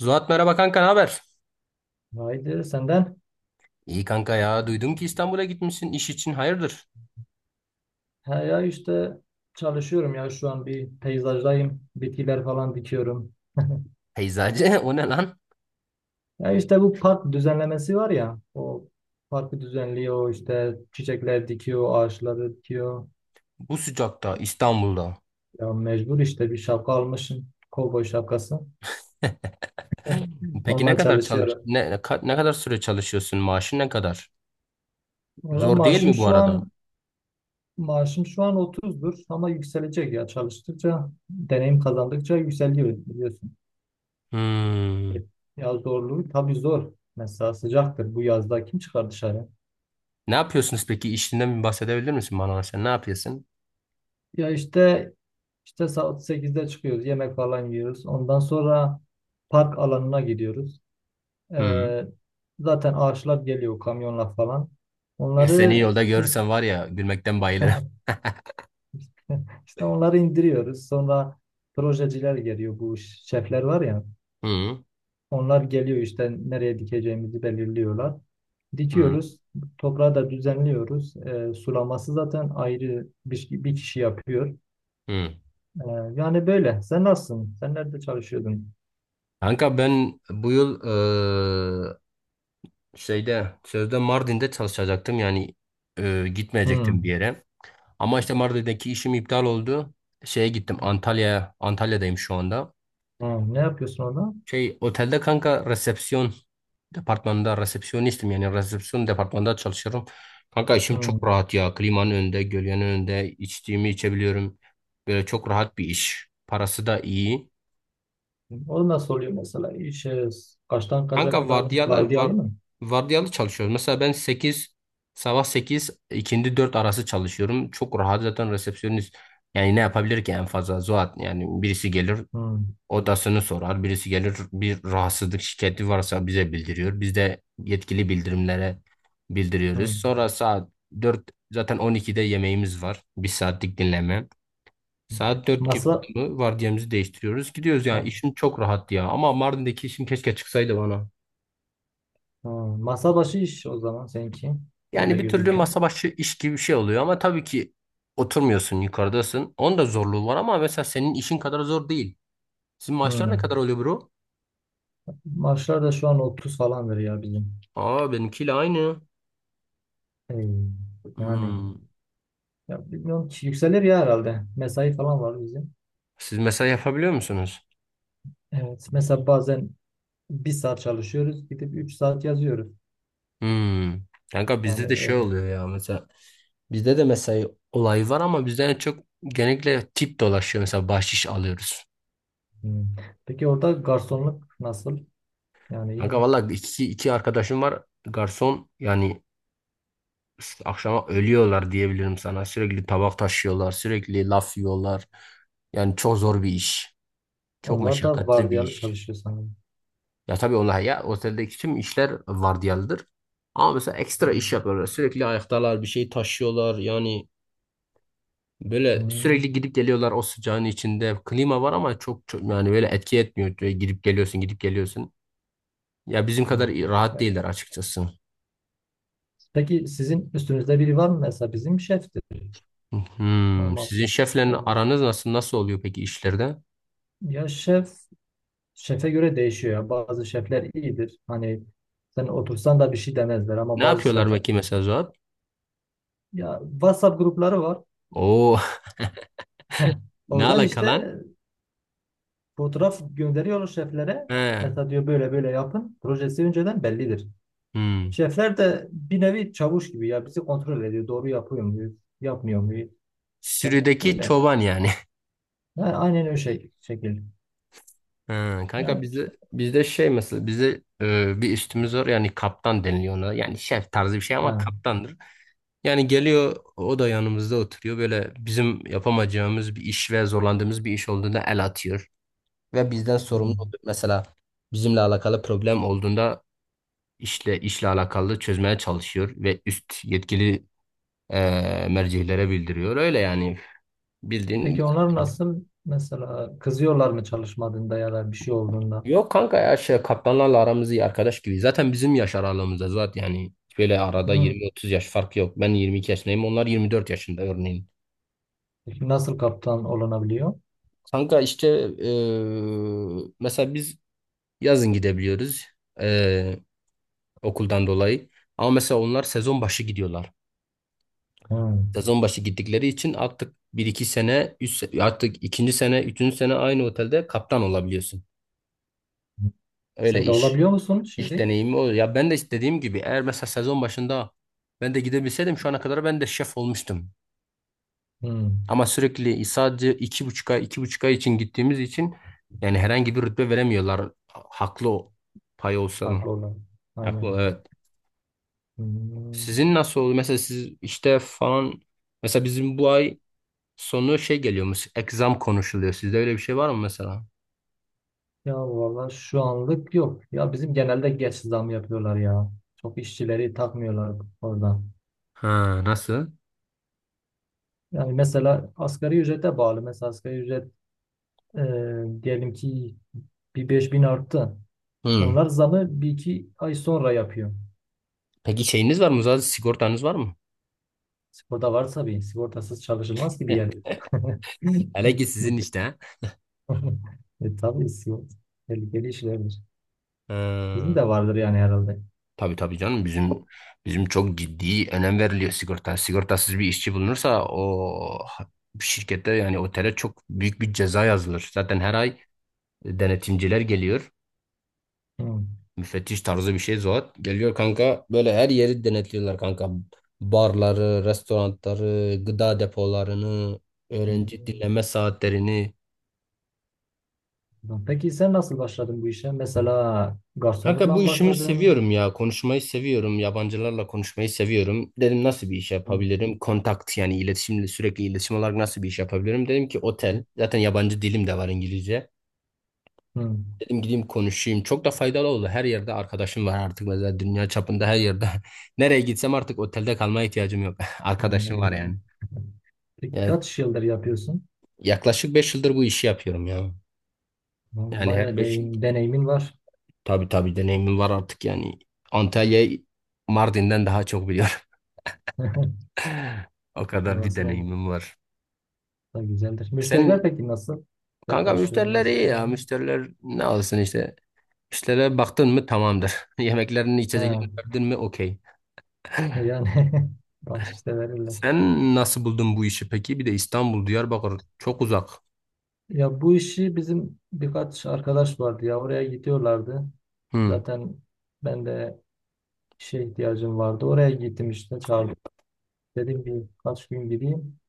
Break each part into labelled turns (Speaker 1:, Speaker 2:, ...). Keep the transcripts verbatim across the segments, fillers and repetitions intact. Speaker 1: Zuhat merhaba kanka ne haber?
Speaker 2: Haydi senden.
Speaker 1: İyi kanka ya duydum ki İstanbul'a gitmişsin iş için hayırdır?
Speaker 2: Ha ya işte çalışıyorum ya şu an bir peyzajdayım. Bitkiler falan dikiyorum.
Speaker 1: Peyzacı o ne lan?
Speaker 2: Ya işte bu park düzenlemesi var ya. O parkı düzenliyor işte çiçekler dikiyor, ağaçları dikiyor.
Speaker 1: Bu sıcakta İstanbul'da.
Speaker 2: Ya mecbur işte bir şapka almışım. Kovboy şapkası.
Speaker 1: Peki ne
Speaker 2: Onunla
Speaker 1: kadar çalış
Speaker 2: çalışıyorum.
Speaker 1: ne, ne ka- ne kadar süre çalışıyorsun? Maaşın ne kadar?
Speaker 2: Valla
Speaker 1: Zor değil
Speaker 2: maaşım
Speaker 1: mi bu
Speaker 2: şu
Speaker 1: arada?
Speaker 2: an maaşım şu an otuzdur ama yükselecek ya çalıştıkça deneyim kazandıkça yükseliyor biliyorsun.
Speaker 1: Hmm.
Speaker 2: E, Ya zorluğu tabii zor. Mesela sıcaktır. Bu yazda kim çıkar dışarı?
Speaker 1: Ne yapıyorsunuz peki? İşinden bir bahsedebilir misin bana? Sen ne yapıyorsun?
Speaker 2: Ya işte işte saat sekizde çıkıyoruz. Yemek falan yiyoruz. Ondan sonra park alanına gidiyoruz.
Speaker 1: Hmm.
Speaker 2: Ee, Zaten ağaçlar geliyor kamyonla falan.
Speaker 1: E, Seni
Speaker 2: Onları
Speaker 1: yolda görürsem var ya gülmekten bayılırım.
Speaker 2: işte onları indiriyoruz. Sonra projeciler geliyor. Bu şefler var ya.
Speaker 1: Hmm.
Speaker 2: Onlar geliyor işte nereye dikeceğimizi belirliyorlar.
Speaker 1: Hmm.
Speaker 2: Dikiyoruz. Toprağı da düzenliyoruz. E, sulaması zaten ayrı bir, bir kişi yapıyor.
Speaker 1: Hmm.
Speaker 2: E, Yani böyle. Sen nasılsın? Sen nerede çalışıyordun?
Speaker 1: Kanka ben bu yıl şeyde sözde Mardin'de çalışacaktım yani e, gitmeyecektim bir
Speaker 2: Hmm.
Speaker 1: yere. Ama işte Mardin'deki işim iptal oldu. Şeye gittim Antalya'ya. Antalya'dayım şu anda.
Speaker 2: Hmm. Ne yapıyorsun orada?
Speaker 1: Şey otelde kanka resepsiyon departmanında resepsiyonistim yani resepsiyon departmanında çalışıyorum. Kanka işim çok
Speaker 2: Hmm.
Speaker 1: rahat ya. Klimanın önünde, gölgenin önünde içtiğimi içebiliyorum. Böyle çok rahat bir iş. Parası da iyi.
Speaker 2: O nasıl oluyor mesela? İş, e, kaçtan kaça
Speaker 1: Kanka
Speaker 2: kadar
Speaker 1: vardiyalar var,
Speaker 2: vardiyalı mı?
Speaker 1: vardiyalı çalışıyoruz. Mesela ben sekiz sabah sekiz ikindi dört arası çalışıyorum. Çok rahat zaten resepsiyonist. Yani ne yapabilir ki en fazla Zuhat, yani birisi gelir
Speaker 2: Hmm.
Speaker 1: odasını sorar. Birisi gelir bir rahatsızlık şikayeti varsa bize bildiriyor. Biz de yetkili bildirimlere bildiriyoruz.
Speaker 2: Hmm.
Speaker 1: Sonra saat dört, zaten on ikide yemeğimiz var. Bir saatlik dinleme. Saat dört gibi
Speaker 2: Masa,
Speaker 1: oldu mu vardiyamızı değiştiriyoruz. Gidiyoruz, yani
Speaker 2: ha,
Speaker 1: işim çok rahat ya. Ama Mardin'deki işim keşke çıksaydı bana.
Speaker 2: ha, masa başı iş o zaman seninki.
Speaker 1: Yani
Speaker 2: Öyle
Speaker 1: bir türlü
Speaker 2: gözüküyor.
Speaker 1: masa başı iş gibi bir şey oluyor ama tabii ki oturmuyorsun, yukarıdasın. Onun da zorluğu var ama mesela senin işin kadar zor değil. Sizin maaşlar ne
Speaker 2: Hmm.
Speaker 1: kadar oluyor bro?
Speaker 2: Maaşlar da şu an otuz falandır ya bizim.
Speaker 1: Aa, benimkiyle aynı.
Speaker 2: Hey, yani
Speaker 1: Hmm.
Speaker 2: ya bilmiyorum ki yükselir ya herhalde. Mesai falan var bizim.
Speaker 1: Siz mesela yapabiliyor musunuz?
Speaker 2: Evet. Mesela bazen bir saat çalışıyoruz gidip üç saat yazıyoruz.
Speaker 1: Hmm. Kanka bizde
Speaker 2: Yani
Speaker 1: de şey
Speaker 2: öyle.
Speaker 1: oluyor ya mesela. Bizde de mesai olayı var ama bizden çok genellikle tip dolaşıyor. Mesela bahşiş alıyoruz.
Speaker 2: Hmm. Peki orada garsonluk nasıl? Yani iyi
Speaker 1: Kanka
Speaker 2: mi?
Speaker 1: valla iki, iki arkadaşım var garson, yani işte akşama ölüyorlar diyebilirim sana. Sürekli tabak taşıyorlar, sürekli laf yiyorlar. Yani çok zor bir iş. Çok
Speaker 2: Onlar da
Speaker 1: meşakkatli bir
Speaker 2: vardiyalı
Speaker 1: iş.
Speaker 2: çalışıyor sanırım.
Speaker 1: Ya tabii onlar ya, oteldeki tüm işler vardiyalıdır. Ama mesela ekstra iş
Speaker 2: Hmm.
Speaker 1: yapıyorlar. Sürekli ayaktalar, bir şey taşıyorlar. Yani böyle
Speaker 2: Hmm.
Speaker 1: sürekli gidip geliyorlar o sıcağın içinde. Klima var ama çok, çok yani böyle etki etmiyor. Böyle gidip geliyorsun, gidip geliyorsun. Ya bizim
Speaker 2: Hmm.
Speaker 1: kadar rahat
Speaker 2: Evet.
Speaker 1: değiller açıkçası.
Speaker 2: Peki sizin üstünüzde biri var mı? Mesela bizim şeftir.
Speaker 1: Hmm,
Speaker 2: Normal.
Speaker 1: sizin şefle
Speaker 2: O-
Speaker 1: aranız nasıl nasıl oluyor peki işlerde?
Speaker 2: Ya şef, şefe göre değişiyor ya. Bazı şefler iyidir. Hani sen otursan da bir şey demezler ama
Speaker 1: Ne
Speaker 2: bazı
Speaker 1: yapıyorlar
Speaker 2: şef...
Speaker 1: bakayım mesela Zuhat?
Speaker 2: Ya WhatsApp grupları var.
Speaker 1: Oo, ne
Speaker 2: Oradan
Speaker 1: alaka lan?
Speaker 2: işte fotoğraf gönderiyor şeflere.
Speaker 1: He.
Speaker 2: Mesela diyor böyle böyle yapın. Projesi önceden bellidir.
Speaker 1: Hmm.
Speaker 2: Şefler de bir nevi çavuş gibi ya bizi kontrol ediyor. Doğru yapıyor muyuz? Yapmıyor muyuz? İşte
Speaker 1: Sürüdeki
Speaker 2: öyle.
Speaker 1: çoban yani.
Speaker 2: Yani aynen öyle şey, şekil.
Speaker 1: He, kanka
Speaker 2: Yani işte.
Speaker 1: bizde bizde şey, mesela bizde e, bir üstümüz var, yani kaptan deniliyor ona. Yani şef tarzı bir şey ama
Speaker 2: Ha.
Speaker 1: kaptandır. Yani geliyor o da yanımızda oturuyor. Böyle bizim yapamayacağımız bir iş ve zorlandığımız bir iş olduğunda el atıyor. Ve bizden sorumlu
Speaker 2: Hmm.
Speaker 1: oluyor. Mesela bizimle alakalı problem olduğunda işle işle alakalı çözmeye çalışıyor ve üst yetkili e, mercihlere bildiriyor. Öyle yani bildiğin.
Speaker 2: Peki onlar nasıl mesela kızıyorlar mı çalışmadığında ya da bir şey olduğunda?
Speaker 1: Yok kanka ya şey, kaptanlarla aramız iyi, arkadaş gibi. Zaten bizim yaş aralığımızda zaten yani böyle arada
Speaker 2: Hmm.
Speaker 1: yirmi otuz yaş fark yok. Ben yirmi iki yaşındayım, onlar yirmi dört yaşında örneğin.
Speaker 2: Peki nasıl kaptan olunabiliyor?
Speaker 1: Kanka işte e, mesela biz yazın gidebiliyoruz, e, okuldan dolayı. Ama mesela onlar sezon başı gidiyorlar.
Speaker 2: Hmm.
Speaker 1: Sezon başı gittikleri için artık bir iki sene, üç, se- artık ikinci sene, üçüncü sene aynı otelde kaptan olabiliyorsun. Öyle
Speaker 2: Sen de
Speaker 1: iş.
Speaker 2: olabiliyor musun
Speaker 1: İş
Speaker 2: şimdi?
Speaker 1: deneyimi o. Ya ben de istediğim gibi, eğer mesela sezon başında ben de gidebilseydim şu ana kadar ben de şef olmuştum.
Speaker 2: Hmm.
Speaker 1: Ama sürekli sadece iki buçuk ay, iki buçuk ay için gittiğimiz için yani herhangi bir rütbe veremiyorlar. Haklı o pay olsan.
Speaker 2: Farklı olan.
Speaker 1: Haklı
Speaker 2: Aynen.
Speaker 1: ol, evet.
Speaker 2: Hmm.
Speaker 1: Sizin nasıl oldu? Mesela siz işte falan, mesela bizim bu ay sonu şey geliyormuş. Exam konuşuluyor. Sizde öyle bir şey var mı mesela?
Speaker 2: Ya valla şu anlık yok. Ya bizim genelde geç zam yapıyorlar ya. Çok işçileri takmıyorlar orada.
Speaker 1: Ha, nasıl?
Speaker 2: Yani mesela asgari ücrete bağlı. Mesela asgari ücret e, diyelim ki bir beş bin arttı.
Speaker 1: Hmm.
Speaker 2: Onlar zamı bir iki ay sonra yapıyor.
Speaker 1: Peki şeyiniz var mı? Zaten sigortanız var mı?
Speaker 2: Sigorta varsa bir sigortasız çalışılmaz gibi
Speaker 1: Heh,
Speaker 2: yer.
Speaker 1: hele ki sizin işte. Ha.
Speaker 2: E, tabii sigorta tehlikeli işlerdir. Sizin
Speaker 1: Ha.
Speaker 2: de vardır yani herhalde.
Speaker 1: Tabii tabii canım, bizim bizim çok ciddi önem veriliyor sigorta. Sigortasız bir işçi bulunursa o şirkette yani otele çok büyük bir ceza yazılır. Zaten her ay e, denetimciler geliyor.
Speaker 2: Hı.
Speaker 1: Müfettiş tarzı bir şey Zuhat. Geliyor kanka böyle her yeri denetliyorlar kanka. Barları, restoranları, gıda depolarını,
Speaker 2: Hı.
Speaker 1: öğrenci dinleme saatlerini.
Speaker 2: Tamam. Peki sen nasıl başladın bu işe? Mesela
Speaker 1: Kanka
Speaker 2: garsonlukla
Speaker 1: bu
Speaker 2: mı
Speaker 1: işimi
Speaker 2: başladın?
Speaker 1: seviyorum ya. Konuşmayı seviyorum. Yabancılarla konuşmayı seviyorum. Dedim nasıl bir iş
Speaker 2: Hı,
Speaker 1: yapabilirim? Kontakt yani iletişimle, sürekli iletişim olarak nasıl bir iş yapabilirim? Dedim ki otel. Zaten yabancı dilim de var, İngilizce.
Speaker 2: hı,
Speaker 1: Dedim gideyim konuşayım. Çok da faydalı oldu. Her yerde arkadaşım var artık. Mesela dünya çapında her yerde. Nereye gitsem artık otelde kalmaya ihtiyacım yok.
Speaker 2: hı,
Speaker 1: Arkadaşım var
Speaker 2: eylem.
Speaker 1: yani.
Speaker 2: Peki
Speaker 1: Yani
Speaker 2: kaç yıldır yapıyorsun?
Speaker 1: yaklaşık beş yıldır bu işi yapıyorum ya.
Speaker 2: Tamam,
Speaker 1: Yani her
Speaker 2: bayağı
Speaker 1: beş
Speaker 2: deyim, deneyimin var.
Speaker 1: tabii tabii deneyimim var artık yani. Antalya'yı Mardin'den daha çok biliyorum. O kadar bir
Speaker 2: Orası da,
Speaker 1: deneyimim var.
Speaker 2: da güzeldir. Müşteriler
Speaker 1: Sen
Speaker 2: peki nasıl? Size
Speaker 1: kanka,
Speaker 2: karşı
Speaker 1: müşteriler
Speaker 2: nasıl
Speaker 1: iyi ya.
Speaker 2: falan?
Speaker 1: Müşteriler ne alsın işte. İşlere baktın mı tamamdır. Yemeklerini,
Speaker 2: He,
Speaker 1: içeceklerini verdin mi okey.
Speaker 2: yani bak işte verirler.
Speaker 1: Sen nasıl buldun bu işi peki? Bir de İstanbul, Diyarbakır çok uzak.
Speaker 2: Ya bu işi bizim birkaç arkadaş vardı ya oraya gidiyorlardı.
Speaker 1: Hı.
Speaker 2: Zaten ben de işe ihtiyacım vardı. Oraya gittim işte çağırdı. Dedim bir kaç gün gideyim.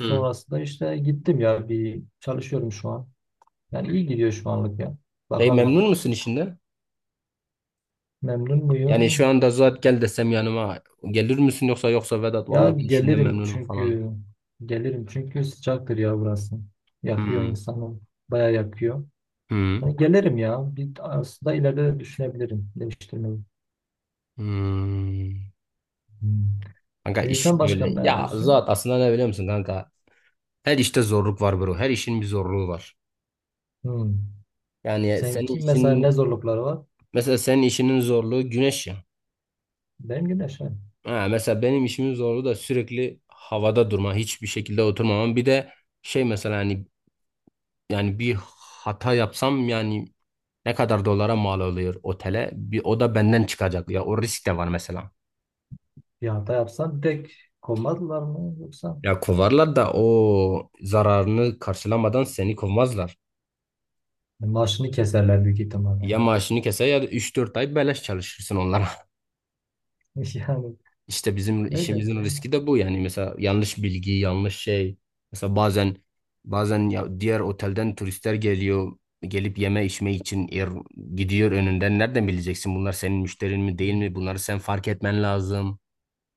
Speaker 1: Hı.
Speaker 2: işte gittim ya bir çalışıyorum şu an. Yani iyi gidiyor şu anlık ya.
Speaker 1: Peki
Speaker 2: Bakalım
Speaker 1: memnun musun işinden?
Speaker 2: memnun
Speaker 1: Yani şu
Speaker 2: muyum?
Speaker 1: anda zaten gel desem yanıma gelir misin, yoksa yoksa Vedat
Speaker 2: Ya
Speaker 1: vallahi ben işinden
Speaker 2: gelirim
Speaker 1: memnunum falan.
Speaker 2: çünkü gelirim çünkü sıcaktır ya burası. Yakıyor
Speaker 1: Hmm.
Speaker 2: insanı. Bayağı yakıyor.
Speaker 1: Hmm.
Speaker 2: Yani gelirim ya. Bir aslında ileride de düşünebilirim değiştirmeyi.
Speaker 1: Hmm.
Speaker 2: Hmm.
Speaker 1: Kanka
Speaker 2: E sen
Speaker 1: iş böyle.
Speaker 2: başkan ne
Speaker 1: Ya zat
Speaker 2: yapıyorsun?
Speaker 1: aslında ne biliyor musun kanka? Her işte zorluk var bro. Her işin bir zorluğu var.
Speaker 2: Hmm.
Speaker 1: Yani senin
Speaker 2: Seninki mesela
Speaker 1: işin
Speaker 2: ne zorlukları var?
Speaker 1: mesela senin işinin zorluğu güneş ya.
Speaker 2: Benim gibi yaşa.
Speaker 1: Ha, mesela benim işimin zorluğu da sürekli havada durma, hiçbir şekilde oturmamam. Bir de şey mesela hani yani bir hata yapsam yani ne kadar dolara mal oluyor otele? Bir o da benden çıkacak ya. O risk de var mesela.
Speaker 2: Bir hata yapsan direkt kovmadılar mı yoksa?
Speaker 1: Ya kovarlar da o zararını karşılamadan seni kovmazlar.
Speaker 2: Maaşını keserler büyük ihtimalle.
Speaker 1: Ya maaşını keser ya da üç dört ay beleş çalışırsın onlara.
Speaker 2: Yani
Speaker 1: İşte bizim
Speaker 2: öyle
Speaker 1: işimizin
Speaker 2: bu.
Speaker 1: riski de bu, yani mesela yanlış bilgi, yanlış şey. Mesela bazen bazen ya diğer otelden turistler geliyor, gelip yeme içme için yer gidiyor önünden. Nereden bileceksin bunlar senin müşterin mi değil mi? Bunları sen fark etmen lazım.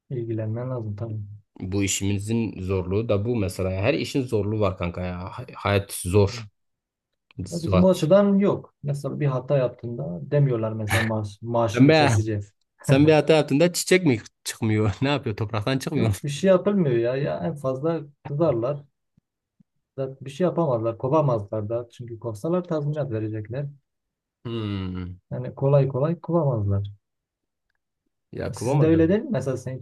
Speaker 2: İlgilenmen lazım tabii.
Speaker 1: Bu işimizin zorluğu da bu mesela. Her işin zorluğu var kanka ya. Hay- Hayat zor.
Speaker 2: Ya bizim o
Speaker 1: Suat.
Speaker 2: açıdan yok. Mesela bir hata yaptığında demiyorlar mesela maaş,
Speaker 1: Sen
Speaker 2: maaşını
Speaker 1: be,
Speaker 2: keseceğiz.
Speaker 1: sen bir hata yaptığında çiçek mi çıkmıyor? Ne yapıyor? Topraktan çıkmıyor.
Speaker 2: Yok bir şey yapılmıyor ya. Ya en fazla kızarlar. Zaten bir şey yapamazlar. Kovamazlar da. Çünkü kovsalar tazminat verecekler.
Speaker 1: Hmm.
Speaker 2: Yani kolay kolay kovamazlar.
Speaker 1: Ya
Speaker 2: Sizin de öyle değil
Speaker 1: kovamadım.
Speaker 2: mi? Mesela seni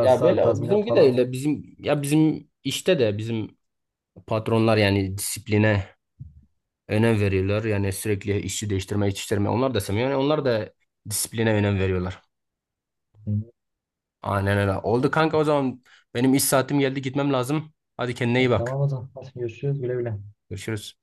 Speaker 1: Ya böyle
Speaker 2: tazminat
Speaker 1: bizimki de
Speaker 2: falan.
Speaker 1: öyle, bizim ya, bizim işte de bizim patronlar yani disipline önem veriyorlar. Yani sürekli işçi değiştirme, iş değiştirme onlar da sevmiyor. Yani onlar da disipline önem veriyorlar.
Speaker 2: Hı.
Speaker 1: Aynen öyle. Oldu kanka, o zaman benim iş saatim geldi, gitmem lazım. Hadi kendine iyi
Speaker 2: Evet,
Speaker 1: bak.
Speaker 2: tamam o zaman. Hadi görüşürüz. Güle güle.
Speaker 1: Görüşürüz.